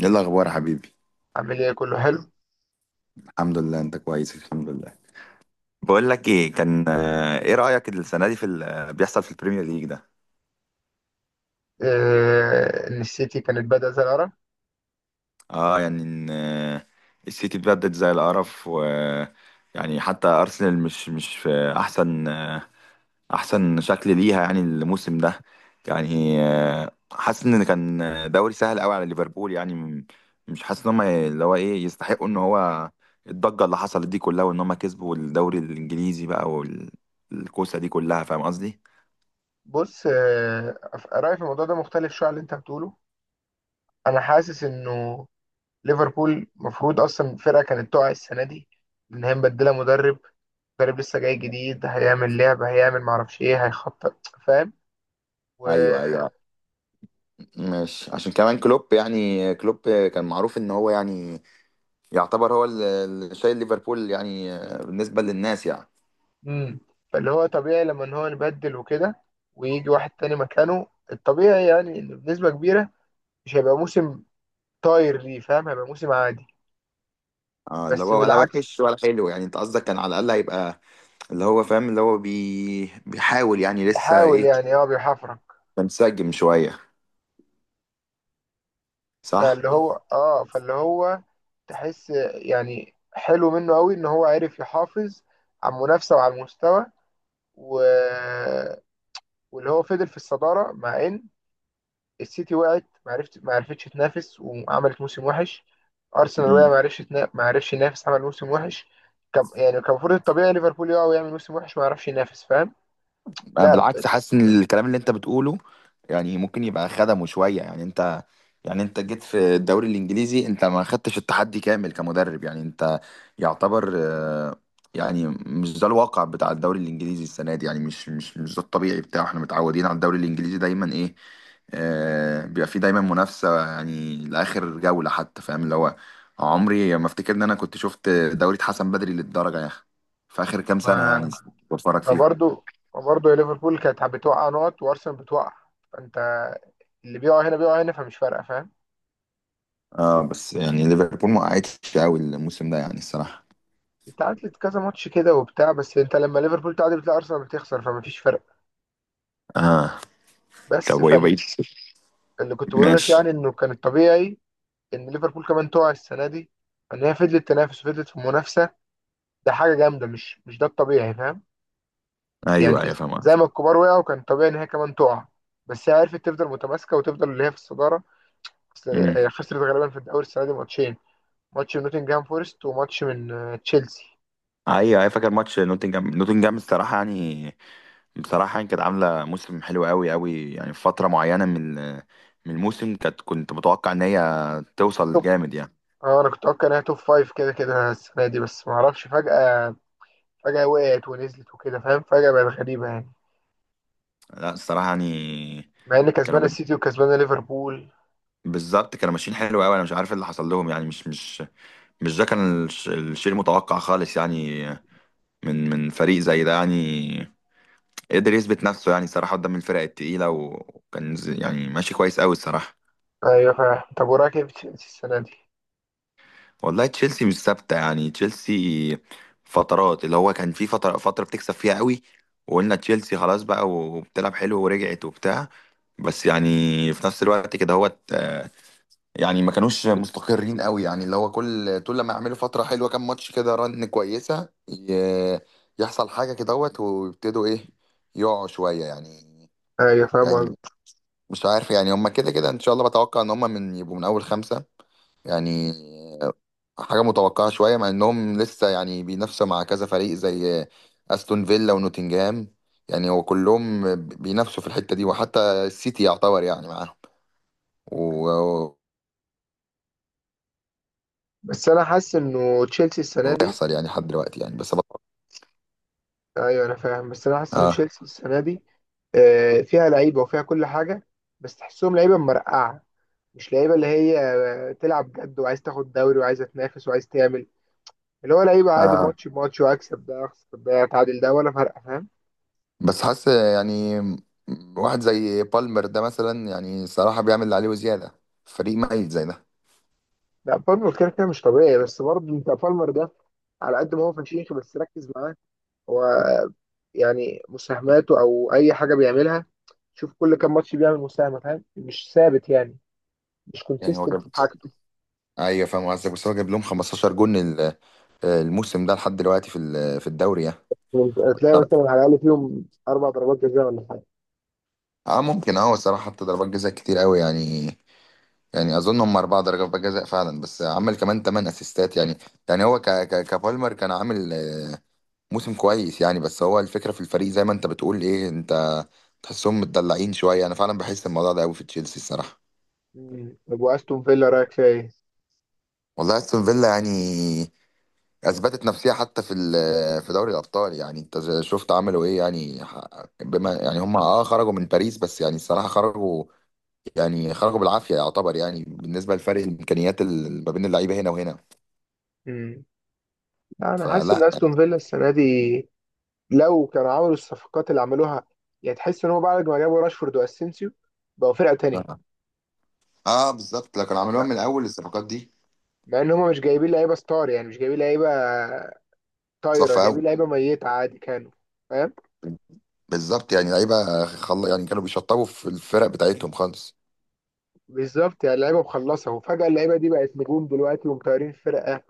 ايه الاخبار يا حبيبي. عامل ايه؟ كله حلو. الحمد لله، انت كويس، الحمد لله. بقول لك ايه، كان ايه رأيك السنة دي في اللي بيحصل في البريمير ليج ده؟ ان السيتي كانت بادئه زي العرب. اه يعني ان السيتي اتبدد زي القرف، و يعني حتى ارسنال مش في احسن احسن شكل ليها يعني الموسم ده. يعني حاسس ان كان دوري سهل قوي على ليفربول يعني مش حاسس ان هم اللي هو ايه يستحقوا ان هو الضجه اللي حصلت دي كلها، وان هم كسبوا الدوري الانجليزي بقى والكوسه دي كلها، فاهم قصدي؟ بص، رايي في الموضوع ده مختلف شويه عن اللي انت بتقوله. انا حاسس انه ليفربول المفروض اصلا فرقه كانت تقع السنه دي، ان هي مبدله مدرب. مدرب لسه جاي جديد، هيعمل لعبه، هيعمل معرفش ايه، هيخطط، فاهم؟ و ايوه ايوه، ماشي. عشان كمان كلوب، يعني كلوب كان معروف ان هو يعني يعتبر هو اللي شايل ليفربول يعني بالنسبه للناس يعني. مم. فاللي هو طبيعي لما ان هو نبدل وكده، ويجي واحد تاني مكانه، الطبيعي يعني انه بنسبه كبيره مش هيبقى موسم طاير ليه، فاهم؟ هيبقى موسم عادي. اه اللي بس هو ولا بالعكس، وحش ولا حلو يعني، انت قصدك كان على الاقل هيبقى اللي هو فاهم اللي هو بيحاول يعني لسه بيحاول ايه، يعني، اه بيحفرك. منسجم شوية، صح؟ فاللي هو اه، فاللي هو تحس يعني حلو منه قوي ان هو عرف يحافظ على المنافسه وعلى المستوى و... واللي هو فضل في الصداره، مع ان السيتي وقعت ما عرفتش تنافس وعملت موسم وحش. ارسنال وقع مم. ما عرفش ينافس، عمل موسم وحش. يعني كان المفروض الطبيعي ليفربول يقع ويعمل موسم وحش ما يعرفش ينافس، فاهم؟ أنا لا بالعكس بس، حاسس ان الكلام اللي انت بتقوله يعني ممكن يبقى خدمه شوية. يعني انت، يعني انت جيت في الدوري الانجليزي، انت ما خدتش التحدي كامل كمدرب. يعني انت يعتبر يعني مش ده الواقع بتاع الدوري الانجليزي السنة دي يعني، مش ده الطبيعي بتاعه. احنا متعودين على الدوري الانجليزي دايما ايه، بيبقى فيه دايما منافسة يعني لآخر جولة حتى، فاهم؟ اللي هو عمري ما افتكر ان انا كنت شفت دوري اتحسن بدري للدرجة يا اخي في آخر كام سنة ما يعني بتفرج ما فيهم. برضو ما برضو يا ليفربول كانت بتوقع نقط، وارسنال بتوقع. فانت اللي بيقع هنا بيقع هنا، فمش فارقه، فاهم؟ اه، بس يعني ليفربول ما وقعتش قوي الموسم ده يعني الصراحة. اتعادلت كذا ماتش كده وبتاع، بس انت لما ليفربول تعادل بتلاقي ارسنال بتخسر، فمفيش فرق. اه. بس طب وايه فاللي بقيت؟ كنت بقوله لك، ماشي. يعني انه كان الطبيعي ان ليفربول كمان تقع السنه دي، ان هي فضلت تنافس وفضلت في المنافسه. ده حاجه جامده، مش ده الطبيعي، فاهم؟ يعني ايوه ايوه، فاهم زي قصدك. ما الكبار وقعوا كان طبيعي ان هي كمان تقع. بس هي عرفت تفضل متماسكه وتفضل اللي هي في الصداره. بس امم. هي خسرت غالبا في الدوري السنه دي ماتشين: ماتش من نوتنجهام فورست، وماتش من تشيلسي. ايوه ايوه، فاكر ماتش نوتنجهام الصراحه يعني، بصراحه يعني كانت عامله موسم حلو قوي قوي يعني. في فتره معينه من من الموسم، كانت كنت متوقع ان هي توصل توب جامد يعني. اه انا كنت اتوقع انها توب فايف كده كده السنه دي، بس ما اعرفش. فجاه وقعت ونزلت وكده، فاهم؟ فجاه بقت غريبه يعني، لا الصراحه يعني، مع ان كانوا كسبانه بت- السيتي وكسبانه ليفربول. بالظبط كانوا ماشيين حلو قوي، انا مش عارف إيه اللي حصل لهم يعني مش ده كان الشيء المتوقع خالص يعني، من فريق زي ده يعني قدر يثبت نفسه يعني صراحة قدام الفرق التقيلة، وكان يعني ماشي كويس قوي الصراحة. ايوه فاهم. طب وراك ايه في تشيلسي السنه دي؟ والله تشيلسي مش ثابتة يعني. تشيلسي فترات، اللي هو كان في فترة فترة بتكسب فيها قوي وقلنا تشيلسي خلاص بقى وبتلعب حلو ورجعت وبتاع، بس يعني في نفس الوقت كده هو يعني ما كانوش مستقرين قوي يعني. اللي هو كل طول لما يعملوا فترة حلوة كام ماتش كده رن كويسة، يحصل حاجة كده ويبتدوا ايه، يقعوا شوية يعني. ايوه فاهم يعني قصدي. مش عارف يعني، هما كده كده ان شاء الله بتوقع ان هما من يبقوا من اول خمسة يعني. حاجة متوقعة شوية مع انهم لسه يعني بينافسوا مع كذا فريق زي استون فيلا ونوتنجهام يعني. هو كلهم بينافسوا في الحتة دي، وحتى السيتي يعتبر يعني معاهم، و- بس انا حاسس انه تشيلسي السنه دي، ويحصل يعني لحد دلوقتي يعني، بس ايوه انا فاهم، بس انا حاسس ان آه. تشيلسي السنه دي فيها لعيبه وفيها كل حاجه. بس تحسهم لعيبه مرقعه، مش لعيبه اللي هي تلعب جد وعايز تاخد دوري وعايزه تنافس وعايز تعمل. اللي هو لعيب عادي، آه. ماتش بماتش، واكسب ده اخسر ده اتعادل ده ولا فارقه، فاهم؟ بس حاسس يعني واحد زي بالمر ده مثلا، يعني صراحة بيعمل اللي عليه وزيادة، فريق ميت زي ده لا، بالمر كده كده مش طبيعي. بس برضه انت بالمر ده، على قد ما هو فشيخ، بس ركز معاه، هو يعني مساهماته او اي حاجه بيعملها، شوف كل كام ماتش بيعمل مساهمه، فاهم؟ مش ثابت يعني، مش يعني. هو كونسيستنت في حاجته. ايوه فاهم قصدك، بس هو جاب لهم 15 جون الموسم ده لحد دلوقتي في في الدوري يعني. تلاقي مثلا على الاقل فيهم اربع ضربات جزاء ولا حاجه. اه ممكن، اه الصراحه حط ضربات جزاء كتير قوي يعني. يعني اظن هم اربع ضربات جزاء فعلا، بس عمل كمان ثمان اسيستات يعني. يعني هو ك ك كبالمر كان عامل موسم كويس يعني. بس هو الفكره في الفريق زي ما انت بتقول، ايه انت تحسهم متدلعين شويه. انا فعلا بحس الموضوع ده قوي في تشيلسي الصراحه. طب واستون فيلا رايك فيها ايه؟ والله استون فيلا يعني اثبتت نفسها حتى في في دوري الابطال يعني. انت شفت عملوا ايه يعني، بما يعني هم اه خرجوا من باريس، بس يعني الصراحه خرجوا يعني خرجوا بالعافيه يعتبر يعني بالنسبه لفرق الامكانيات ما بين اللعيبه هنا وهنا. امم لا، انا حاسس فلا ان يعني استون فيلا السنه دي، لو كانوا عملوا الصفقات اللي عملوها، يعني تحس ان هو بعد ما جابوا راشفورد واسينسيو بقوا فرقه تانية. اه بالظبط، لكن عملوها من بقى الاول الصفقات دي. مع ان هم مش جايبين لعيبه ستار، يعني مش جايبين لعيبه طايره، صفى جايبين قوي، لعيبه ميته عادي كانوا، فاهم؟ بالظبط يعني. لعيبه يعني كانوا بيشطبوا في الفرق بتاعتهم خالص. بالظبط، يعني لعيبه مخلصه، وفجاه اللعيبه دي بقت نجوم دلوقتي ومطيرين فرقه.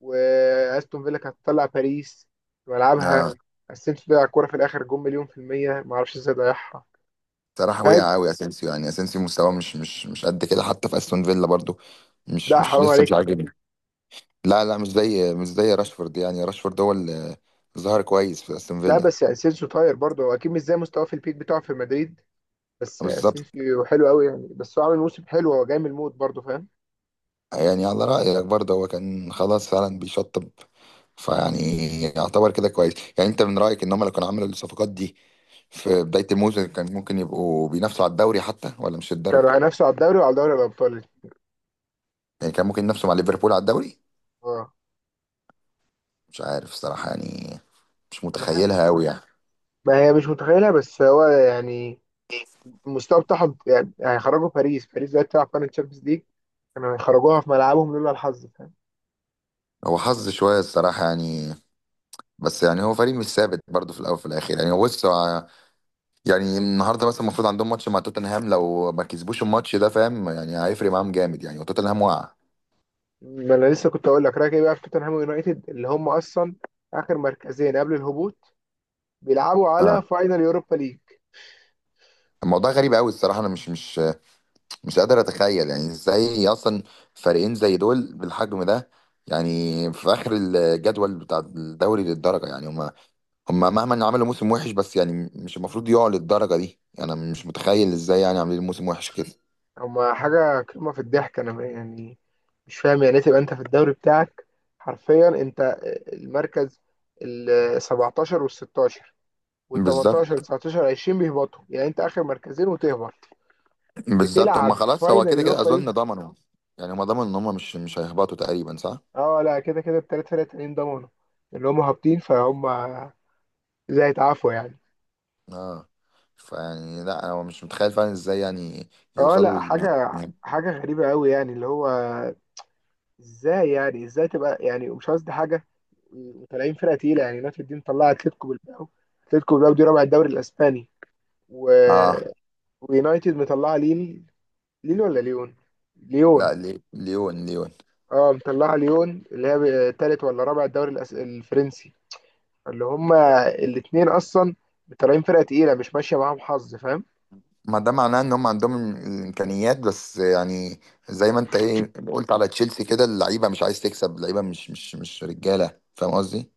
واستون فيلا كانت تطلع باريس في ملعبها. اه اسينسيو ضيع الكوره في الاخر، جون مليون في الميه، ما اعرفش ازاي ضيعها، صراحه فاهم؟ وقع قوي اسينسيو يعني، اسينسيو مستواه مش قد كده حتى في استون فيلا برضو. مش لا مش حرام لسه عليك. مش عاجبني. لا لا، مش زي، مش زي راشفورد. يعني راشفورد هو اللي ظهر كويس في استون لا فيلا. بس يعني اسينسيو طاير برضه، هو اكيد مش زي مستواه في البيك بتاعه في مدريد. بس سيسي بالظبط حلو قوي يعني، بس هو عامل موسم حلو، هو جاي من الموت برضه، فاهم؟ يعني، على رأيك برضه هو كان خلاص فعلا بيشطب، فيعني يعتبر كده كويس. يعني انت من رأيك ان هم لو كانوا عملوا الصفقات دي في بداية الموسم كان ممكن يبقوا بينافسوا على الدوري حتى ولا مش الدرجة؟ كانوا هينافسوا على الدوري وعلى دوري الابطال. يعني كان ممكن ينافسوا مع ليفربول على الدوري؟ اه. مش عارف الصراحة يعني، مش انا عارف. متخيلها قوي يعني. ما هي مش متخيلها، بس هو يعني المستوى بتاعهم يعني، هيخرجوا باريس. باريس دلوقتي بتلعب فاينل تشامبيونز ليج، كانوا هيخرجوها في ملعبهم لولا الحظ، فاهم؟ هو حظ شوية الصراحة يعني، بس يعني هو فريق مش ثابت برضه في الأول وفي الآخر. يعني هو بص، يعني النهارده مثلا المفروض عندهم ماتش مع توتنهام، لو ما كسبوش الماتش ده فاهم يعني هيفرق معاهم جامد يعني، وتوتنهام وقع. ما انا لسه كنت اقول لك رايك ايه بقى في توتنهام ويونايتد، اللي هم اصلا اخر مركزين قبل الهبوط، بيلعبوا اه. على فاينل يوروبا ليج. الموضوع غريب قوي الصراحه، انا مش قادر اتخيل يعني ازاي اصلا فريقين زي دول بالحجم ده يعني في اخر الجدول بتاع الدوري للدرجه يعني. هم مهما عملوا موسم وحش بس يعني مش المفروض يقعوا للدرجه دي. انا مش متخيل ازاي يعني عاملين موسم وحش كده. هما حاجه قمه في الضحك. انا يعني مش فاهم، يعني ايه تبقى انت في الدوري بتاعك حرفيا انت المركز ال 17 وال 16 وال 18 وال بالظبط 19 20 بيهبطوا، يعني انت اخر مركزين وتهبط بالظبط، هم بتلعب خلاص هو فاينل كده كده يوروبا اظن ليج. ضمنوا. يعني هم ضمنوا ان هم مش هيهبطوا تقريبا، صح؟ اه لا، كده كده الثلاث فرق التانيين ضمنوا اللي هم هابطين، فهم زي هيتعافوا يعني. اه. فيعني لا هو مش متخيل فعلا ازاي يعني اه يوصلوا لا، حاجه لل... حاجه غريبه قوي يعني، اللي هو ازاي يعني، ازاي تبقى يعني، مش قصدي حاجه. وطالعين فرقه تقيله، يعني نادي الدين طلع اتلتيكو بالباو، اتلتيكو بالباو دي رابع الدوري الاسباني، و اه. ويونايتد مطلعه ليل. ليل ولا ليون؟ ليون. لا، ليون ليون. اه مطلعه ليون، اللي هي تالت ولا رابع الدوري الفرنسي. اللي هما الاتنين اصلا طالعين فرقه تقيله، مش ماشيه معاهم حظ، فاهم؟ ما ده معناه ان هم عندهم الامكانيات، بس يعني زي ما انت ايه قلت على تشيلسي كده، اللعيبه مش عايز تكسب، اللعيبه مش رجاله، فاهم قصدي؟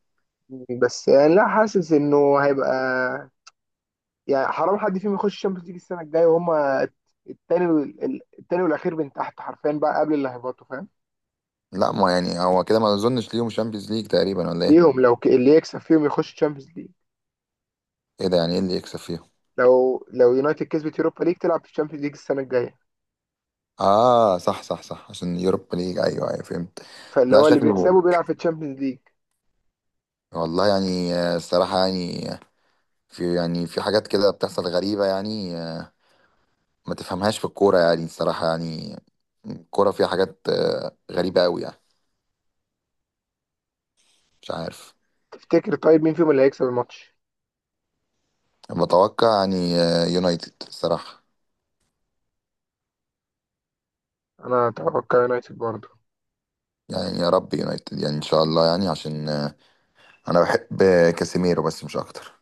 بس يعني لا، حاسس انه هيبقى يعني حرام حد فيهم يخش الشامبيونز ليج السنه الجايه، وهما التاني التاني والاخير من تحت حرفيا، بقى قبل اللي هيبطوا، فاهم؟ لا ما يعني، هو كده ما اظنش ليهم شامبيونز ليج تقريبا، ولا ايه؟ ليهم، اللي يكسب فيهم يخش الشامبيونز ليج. ايه ده يعني، ايه اللي يكسب فيهم؟ لو يونايتد كسبت يوروبا ليج تلعب في الشامبيونز ليج السنه الجايه. اه صح صح صح، عشان يوروبا ليج، ايوه ايوه فهمت. فاللي لا هو اللي شكله. بيكسبه بيلعب في الشامبيونز ليج. والله يعني الصراحه يعني في يعني في حاجات كده بتحصل غريبة يعني ما تفهمهاش في الكورة يعني الصراحة يعني. الكورة فيها حاجات غريبة أوي يعني. مش عارف. تفتكر طيب مين فيهم اللي هيكسب الماتش؟ بتوقع يعني يونايتد الصراحة. انا اتوقع يونايتد برضه. يعني يا رب يونايتد يعني إن شاء الله يعني، عشان أنا بحب كاسيميرو، بس مش أكتر.